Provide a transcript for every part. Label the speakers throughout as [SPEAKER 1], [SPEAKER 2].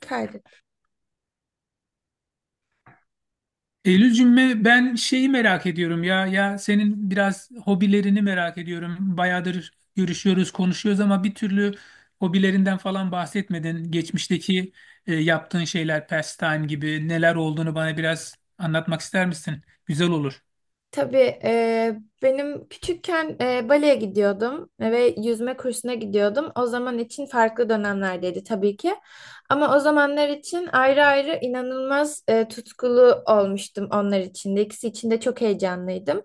[SPEAKER 1] Kaydı.
[SPEAKER 2] Eylülcüğüm ben şeyi merak ediyorum ya senin biraz hobilerini merak ediyorum. Bayağıdır görüşüyoruz, konuşuyoruz ama bir türlü hobilerinden falan bahsetmedin. Geçmişteki yaptığın şeyler, pastime gibi neler olduğunu bana biraz anlatmak ister misin? Güzel olur.
[SPEAKER 1] Tabii benim küçükken baleye gidiyordum ve yüzme kursuna gidiyordum. O zaman için farklı dönemlerdeydi tabii ki. Ama o zamanlar için ayrı ayrı inanılmaz tutkulu olmuştum onlar için de. İkisi için de çok heyecanlıydım.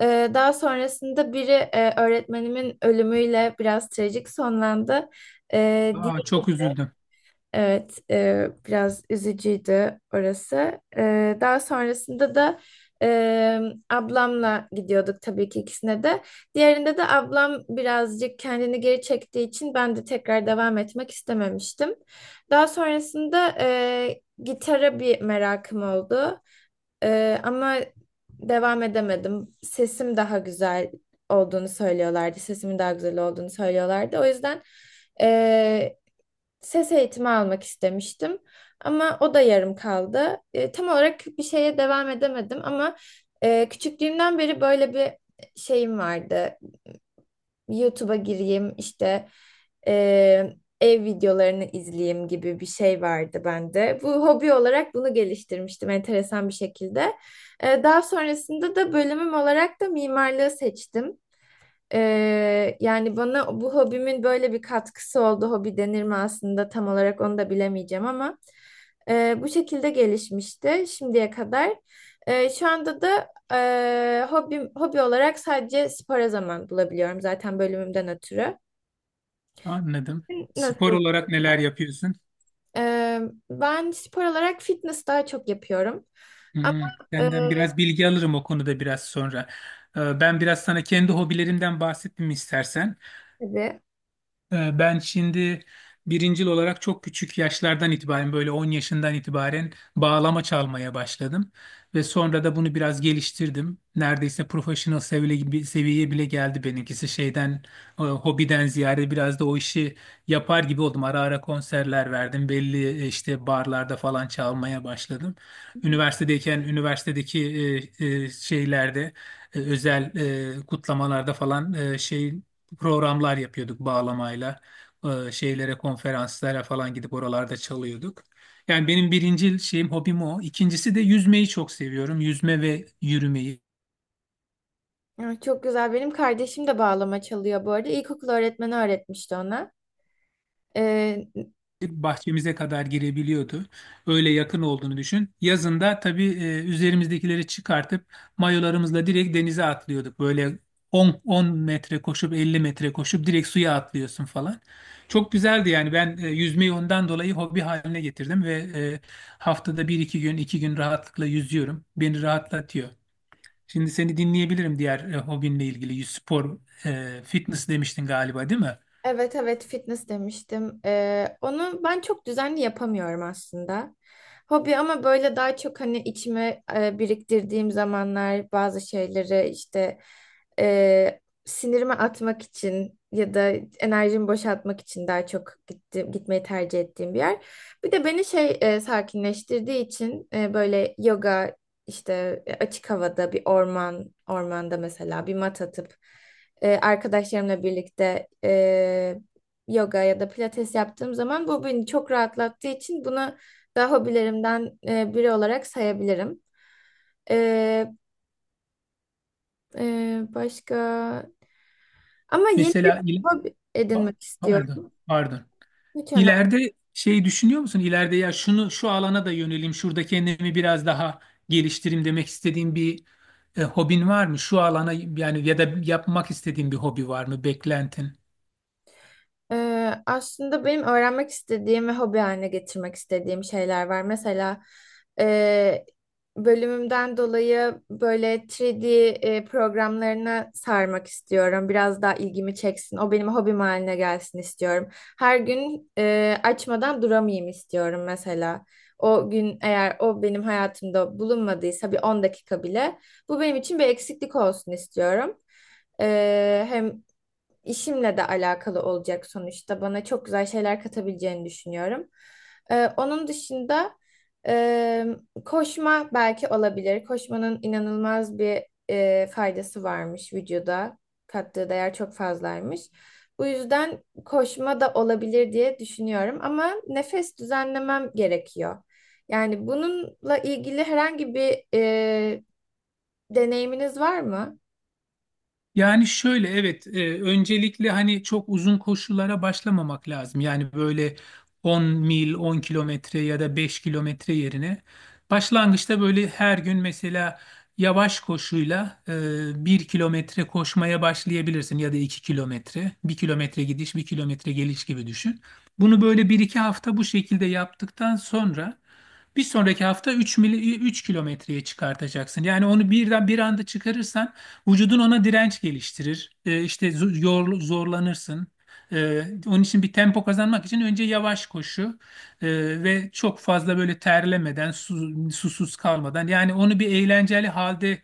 [SPEAKER 1] Daha sonrasında biri öğretmenimin ölümüyle biraz trajik sonlandı. E,
[SPEAKER 2] Aa, çok üzüldüm.
[SPEAKER 1] Evet, biraz üzücüydü orası. Daha sonrasında da e, ablamla gidiyorduk tabii ki ikisine de. Diğerinde de ablam birazcık kendini geri çektiği için ben de tekrar devam etmek istememiştim. Daha sonrasında gitara bir merakım oldu. Ama devam edemedim. Sesim daha güzel olduğunu söylüyorlardı. Sesimin daha güzel olduğunu söylüyorlardı. O yüzden Eee, ses eğitimi almak istemiştim ama o da yarım kaldı. Tam olarak bir şeye devam edemedim ama küçüklüğümden beri böyle bir şeyim vardı. YouTube'a gireyim işte e, ev videolarını izleyeyim gibi bir şey vardı bende. Bu hobi olarak bunu geliştirmiştim enteresan bir şekilde. Daha sonrasında da bölümüm olarak da mimarlığı seçtim. Yani bana bu hobimin böyle bir katkısı oldu. Hobi denir mi aslında tam olarak onu da bilemeyeceğim ama bu şekilde gelişmişti şimdiye kadar. Şu anda da hobi olarak sadece spora zaman bulabiliyorum zaten bölümümden ötürü.
[SPEAKER 2] Anladım. Spor
[SPEAKER 1] Nasıl?
[SPEAKER 2] olarak neler yapıyorsun?
[SPEAKER 1] Ee, Ben spor olarak fitness daha çok yapıyorum. Ama
[SPEAKER 2] Hmm,
[SPEAKER 1] e,
[SPEAKER 2] senden biraz bilgi alırım o konuda biraz sonra. Ben biraz sana kendi hobilerimden bahsettim istersen.
[SPEAKER 1] tabii.
[SPEAKER 2] Ben şimdi birincil olarak çok küçük yaşlardan itibaren böyle 10 yaşından itibaren bağlama çalmaya başladım. Ve sonra da bunu biraz geliştirdim. Neredeyse profesyonel seviye gibi, seviyeye bile geldi benimkisi. Şeyden, hobiden ziyade biraz da o işi yapar gibi oldum. Ara ara konserler verdim. Belli işte barlarda falan çalmaya başladım. Üniversitedeyken üniversitedeki şeylerde, özel kutlamalarda falan şey programlar yapıyorduk bağlamayla. Şeylere, konferanslara falan gidip oralarda çalıyorduk. Yani benim birinci şeyim, hobim o. İkincisi de yüzmeyi çok seviyorum. Yüzme ve yürümeyi.
[SPEAKER 1] Ay, çok güzel. Benim kardeşim de bağlama çalıyor bu arada. İlkokul öğretmeni öğretmişti ona. Ee,
[SPEAKER 2] Bahçemize kadar girebiliyordu. Öyle yakın olduğunu düşün. Yazında tabii üzerimizdekileri çıkartıp mayolarımızla direkt denize atlıyorduk. Böyle 10 metre koşup 50 metre koşup direkt suya atlıyorsun falan. Çok güzeldi yani ben yüzmeyi ondan dolayı hobi haline getirdim ve haftada bir iki gün rahatlıkla yüzüyorum. Beni rahatlatıyor. Şimdi seni dinleyebilirim diğer hobinle ilgili. Spor, fitness demiştin galiba değil mi?
[SPEAKER 1] Evet, evet, fitness demiştim. Onu ben çok düzenli yapamıyorum aslında. Hobi ama böyle daha çok hani içime biriktirdiğim zamanlar bazı şeyleri işte e, sinirimi atmak için ya da enerjimi boşaltmak için daha çok gitmeyi tercih ettiğim bir yer. Bir de beni sakinleştirdiği için böyle yoga işte açık havada bir ormanda mesela bir mat atıp arkadaşlarımla birlikte yoga ya da pilates yaptığım zaman bu beni çok rahatlattığı için bunu da hobilerimden biri olarak sayabilirim. E, e, başka ama yeni bir
[SPEAKER 2] Mesela il-
[SPEAKER 1] hobi
[SPEAKER 2] Pa-
[SPEAKER 1] edinmek
[SPEAKER 2] Pardon,
[SPEAKER 1] istiyorum.
[SPEAKER 2] pardon.
[SPEAKER 1] Hiç önemli.
[SPEAKER 2] İleride şey düşünüyor musun? İleride ya şu alana da yöneleyim, şurada kendimi biraz daha geliştireyim demek istediğin bir hobin var mı? Şu alana yani ya da yapmak istediğin bir hobi var mı? Beklentin?
[SPEAKER 1] Aslında benim öğrenmek istediğim ve hobi haline getirmek istediğim şeyler var. Mesela e, bölümümden dolayı böyle 3D programlarına sarmak istiyorum. Biraz daha ilgimi çeksin. O benim hobim haline gelsin istiyorum. Her gün açmadan duramayayım istiyorum mesela. O gün eğer o benim hayatımda bulunmadıysa bir 10 dakika bile bu benim için bir eksiklik olsun istiyorum. Hem işimle de alakalı olacak sonuçta. Bana çok güzel şeyler katabileceğini düşünüyorum. Onun dışında e, koşma belki olabilir. Koşmanın inanılmaz bir faydası varmış vücuda. Kattığı değer çok fazlaymış. Bu yüzden koşma da olabilir diye düşünüyorum ama nefes düzenlemem gerekiyor. Yani bununla ilgili herhangi bir deneyiminiz var mı?
[SPEAKER 2] Yani şöyle evet, öncelikle hani çok uzun koşulara başlamamak lazım. Yani böyle 10 kilometre ya da 5 kilometre yerine başlangıçta böyle her gün mesela yavaş koşuyla 1 kilometre koşmaya başlayabilirsin ya da 2 kilometre. 1 kilometre gidiş, 1 kilometre geliş gibi düşün. Bunu böyle bir iki hafta bu şekilde yaptıktan sonra bir sonraki hafta 3 kilometreye çıkartacaksın. Yani onu birden bir anda çıkarırsan vücudun ona direnç geliştirir. İşte zorlanırsın. Onun için bir tempo kazanmak için önce yavaş koşu e, ve çok fazla böyle terlemeden, susuz kalmadan yani onu bir eğlenceli halde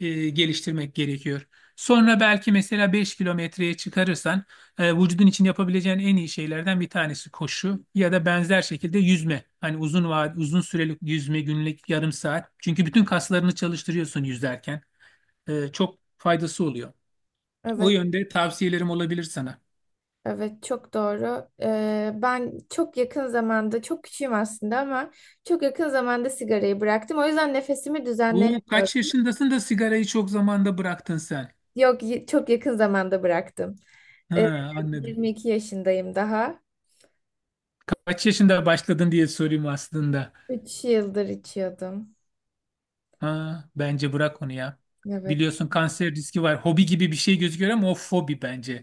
[SPEAKER 2] geliştirmek gerekiyor. Sonra belki mesela 5 kilometreye çıkarırsan vücudun için yapabileceğin en iyi şeylerden bir tanesi koşu ya da benzer şekilde yüzme. Hani uzun süreli yüzme, günlük yarım saat. Çünkü bütün kaslarını çalıştırıyorsun yüzerken, çok faydası oluyor. O
[SPEAKER 1] Evet.
[SPEAKER 2] yönde tavsiyelerim olabilir sana.
[SPEAKER 1] Evet, çok doğru. Ben çok yakın zamanda çok küçüğüm aslında ama çok yakın zamanda sigarayı bıraktım. O yüzden nefesimi
[SPEAKER 2] Bu kaç
[SPEAKER 1] düzenleyemiyorum.
[SPEAKER 2] yaşındasın da sigarayı çok zamanda bıraktın sen?
[SPEAKER 1] Yok, çok yakın zamanda bıraktım.
[SPEAKER 2] Ha,
[SPEAKER 1] Ee,
[SPEAKER 2] anladım.
[SPEAKER 1] 22 yaşındayım daha.
[SPEAKER 2] Kaç yaşında başladın diye sorayım aslında.
[SPEAKER 1] 3 yıldır içiyordum.
[SPEAKER 2] Ha, bence bırak onu ya.
[SPEAKER 1] Evet.
[SPEAKER 2] Biliyorsun kanser riski var. Hobi gibi bir şey gözüküyor ama o fobi bence.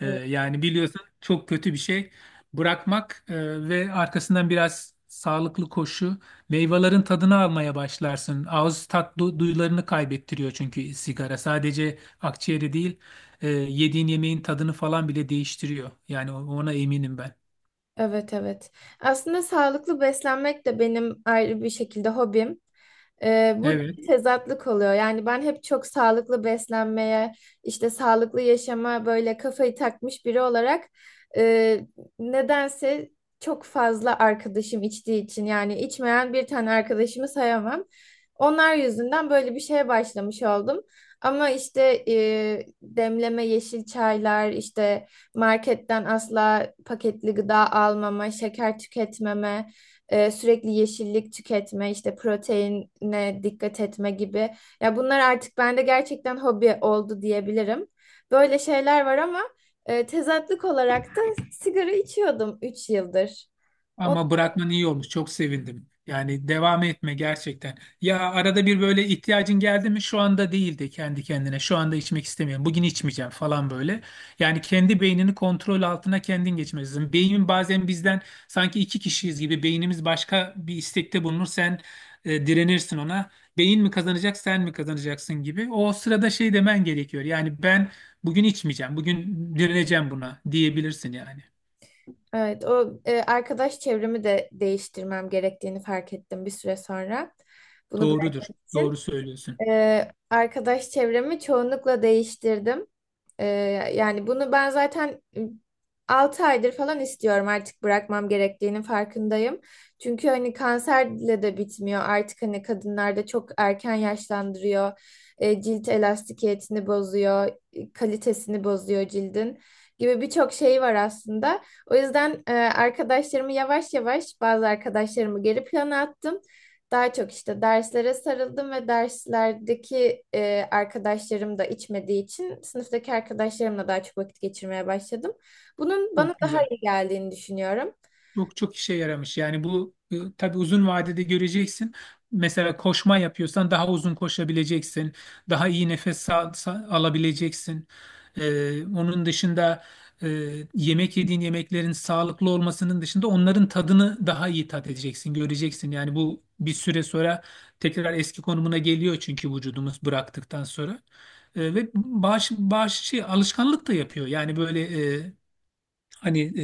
[SPEAKER 2] Yani biliyorsun çok kötü bir şey. Bırakmak ve arkasından biraz sağlıklı koşu, meyvelerin tadını almaya başlarsın. Ağız tat duyularını kaybettiriyor çünkü sigara. Sadece akciğeri değil, yediğin yemeğin tadını falan bile değiştiriyor. Yani ona eminim ben.
[SPEAKER 1] Evet, evet. Aslında sağlıklı beslenmek de benim ayrı bir şekilde hobim. Burada
[SPEAKER 2] Evet.
[SPEAKER 1] bir tezatlık oluyor. Yani ben hep çok sağlıklı beslenmeye, işte sağlıklı yaşama böyle kafayı takmış biri olarak e, nedense çok fazla arkadaşım içtiği için yani içmeyen bir tane arkadaşımı sayamam. Onlar yüzünden böyle bir şeye başlamış oldum. Ama işte demleme yeşil çaylar, işte marketten asla paketli gıda almama, şeker tüketmeme, sürekli yeşillik tüketme, işte proteine dikkat etme gibi. Ya bunlar artık bende gerçekten hobi oldu diyebilirim. Böyle şeyler var ama tezatlık olarak da sigara içiyordum 3 yıldır. O,
[SPEAKER 2] Ama bırakman iyi olmuş. Çok sevindim. Yani devam etme gerçekten. Ya arada bir böyle ihtiyacın geldi mi? Şu anda değil de kendi kendine. Şu anda içmek istemiyorum. Bugün içmeyeceğim falan böyle. Yani kendi beynini kontrol altına kendin geçmelisin. Beynin bazen bizden sanki iki kişiyiz gibi beynimiz başka bir istekte bulunur. Sen direnirsin ona. Beyin mi kazanacak, sen mi kazanacaksın gibi. O sırada şey demen gerekiyor. Yani ben bugün içmeyeceğim. Bugün direneceğim buna diyebilirsin yani.
[SPEAKER 1] evet, arkadaş çevremi de değiştirmem gerektiğini fark ettim bir süre sonra. Bunu
[SPEAKER 2] Doğrudur.
[SPEAKER 1] bıraktım.
[SPEAKER 2] Doğru söylüyorsun.
[SPEAKER 1] Arkadaş çevremi çoğunlukla değiştirdim. Ee, Yani bunu ben zaten 6 aydır falan istiyorum, artık bırakmam gerektiğinin farkındayım. Çünkü hani kanserle de bitmiyor, artık hani kadınlarda çok erken yaşlandırıyor. Cilt elastikiyetini bozuyor, kalitesini bozuyor cildin gibi birçok şey var aslında. O yüzden arkadaşlarımı yavaş yavaş bazı arkadaşlarımı geri plana attım. Daha çok işte derslere sarıldım ve derslerdeki arkadaşlarım da içmediği için sınıftaki arkadaşlarımla daha çok vakit geçirmeye başladım. Bunun bana
[SPEAKER 2] Çok
[SPEAKER 1] daha
[SPEAKER 2] güzel.
[SPEAKER 1] iyi geldiğini düşünüyorum.
[SPEAKER 2] Çok çok işe yaramış. Yani bu tabii uzun vadede göreceksin. Mesela koşma yapıyorsan daha uzun koşabileceksin. Daha iyi nefes alabileceksin. Onun dışında, e, yemek yediğin yemeklerin sağlıklı olmasının dışında onların tadını daha iyi tat edeceksin, göreceksin. Yani bu bir süre sonra tekrar eski konumuna geliyor çünkü vücudumuz bıraktıktan sonra. Ve alışkanlık da yapıyor. Yani böyle, hani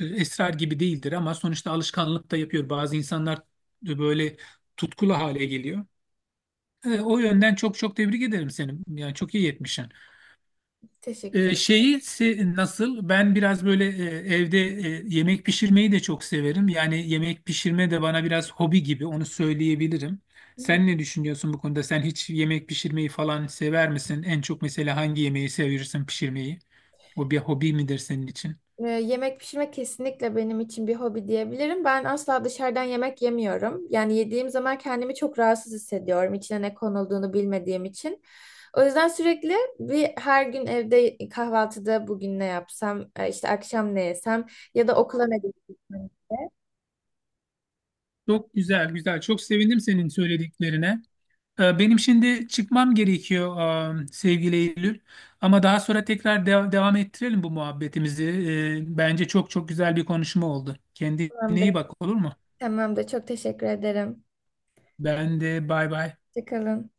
[SPEAKER 2] esrar gibi değildir ama sonuçta alışkanlık da yapıyor. Bazı insanlar böyle tutkulu hale geliyor. O yönden çok çok tebrik ederim seni. Yani çok iyi yetmişsin.
[SPEAKER 1] Teşekkür
[SPEAKER 2] Nasıl? Ben biraz böyle evde yemek pişirmeyi de çok severim. Yani yemek pişirme de bana biraz hobi gibi, onu söyleyebilirim.
[SPEAKER 1] ederim.
[SPEAKER 2] Sen ne düşünüyorsun bu konuda? Sen hiç yemek pişirmeyi falan sever misin? En çok mesela hangi yemeği seviyorsun pişirmeyi? O bir hobi midir senin için?
[SPEAKER 1] Yemek pişirmek kesinlikle benim için bir hobi diyebilirim. Ben asla dışarıdan yemek yemiyorum. Yani yediğim zaman kendimi çok rahatsız hissediyorum, içine ne konulduğunu bilmediğim için. O yüzden sürekli her gün evde kahvaltıda bugün ne yapsam, işte akşam ne yesem ya da okula ne götürsem.
[SPEAKER 2] Çok güzel, güzel. Çok sevindim senin söylediklerine. Benim şimdi çıkmam gerekiyor, sevgili Eylül. Ama daha sonra tekrar devam ettirelim bu muhabbetimizi. Bence çok çok güzel bir konuşma oldu. Kendine
[SPEAKER 1] Tamamdır.
[SPEAKER 2] iyi bak, olur mu?
[SPEAKER 1] Tamamdır. Çok teşekkür ederim.
[SPEAKER 2] Ben de bay bay.
[SPEAKER 1] Hoşça kalın.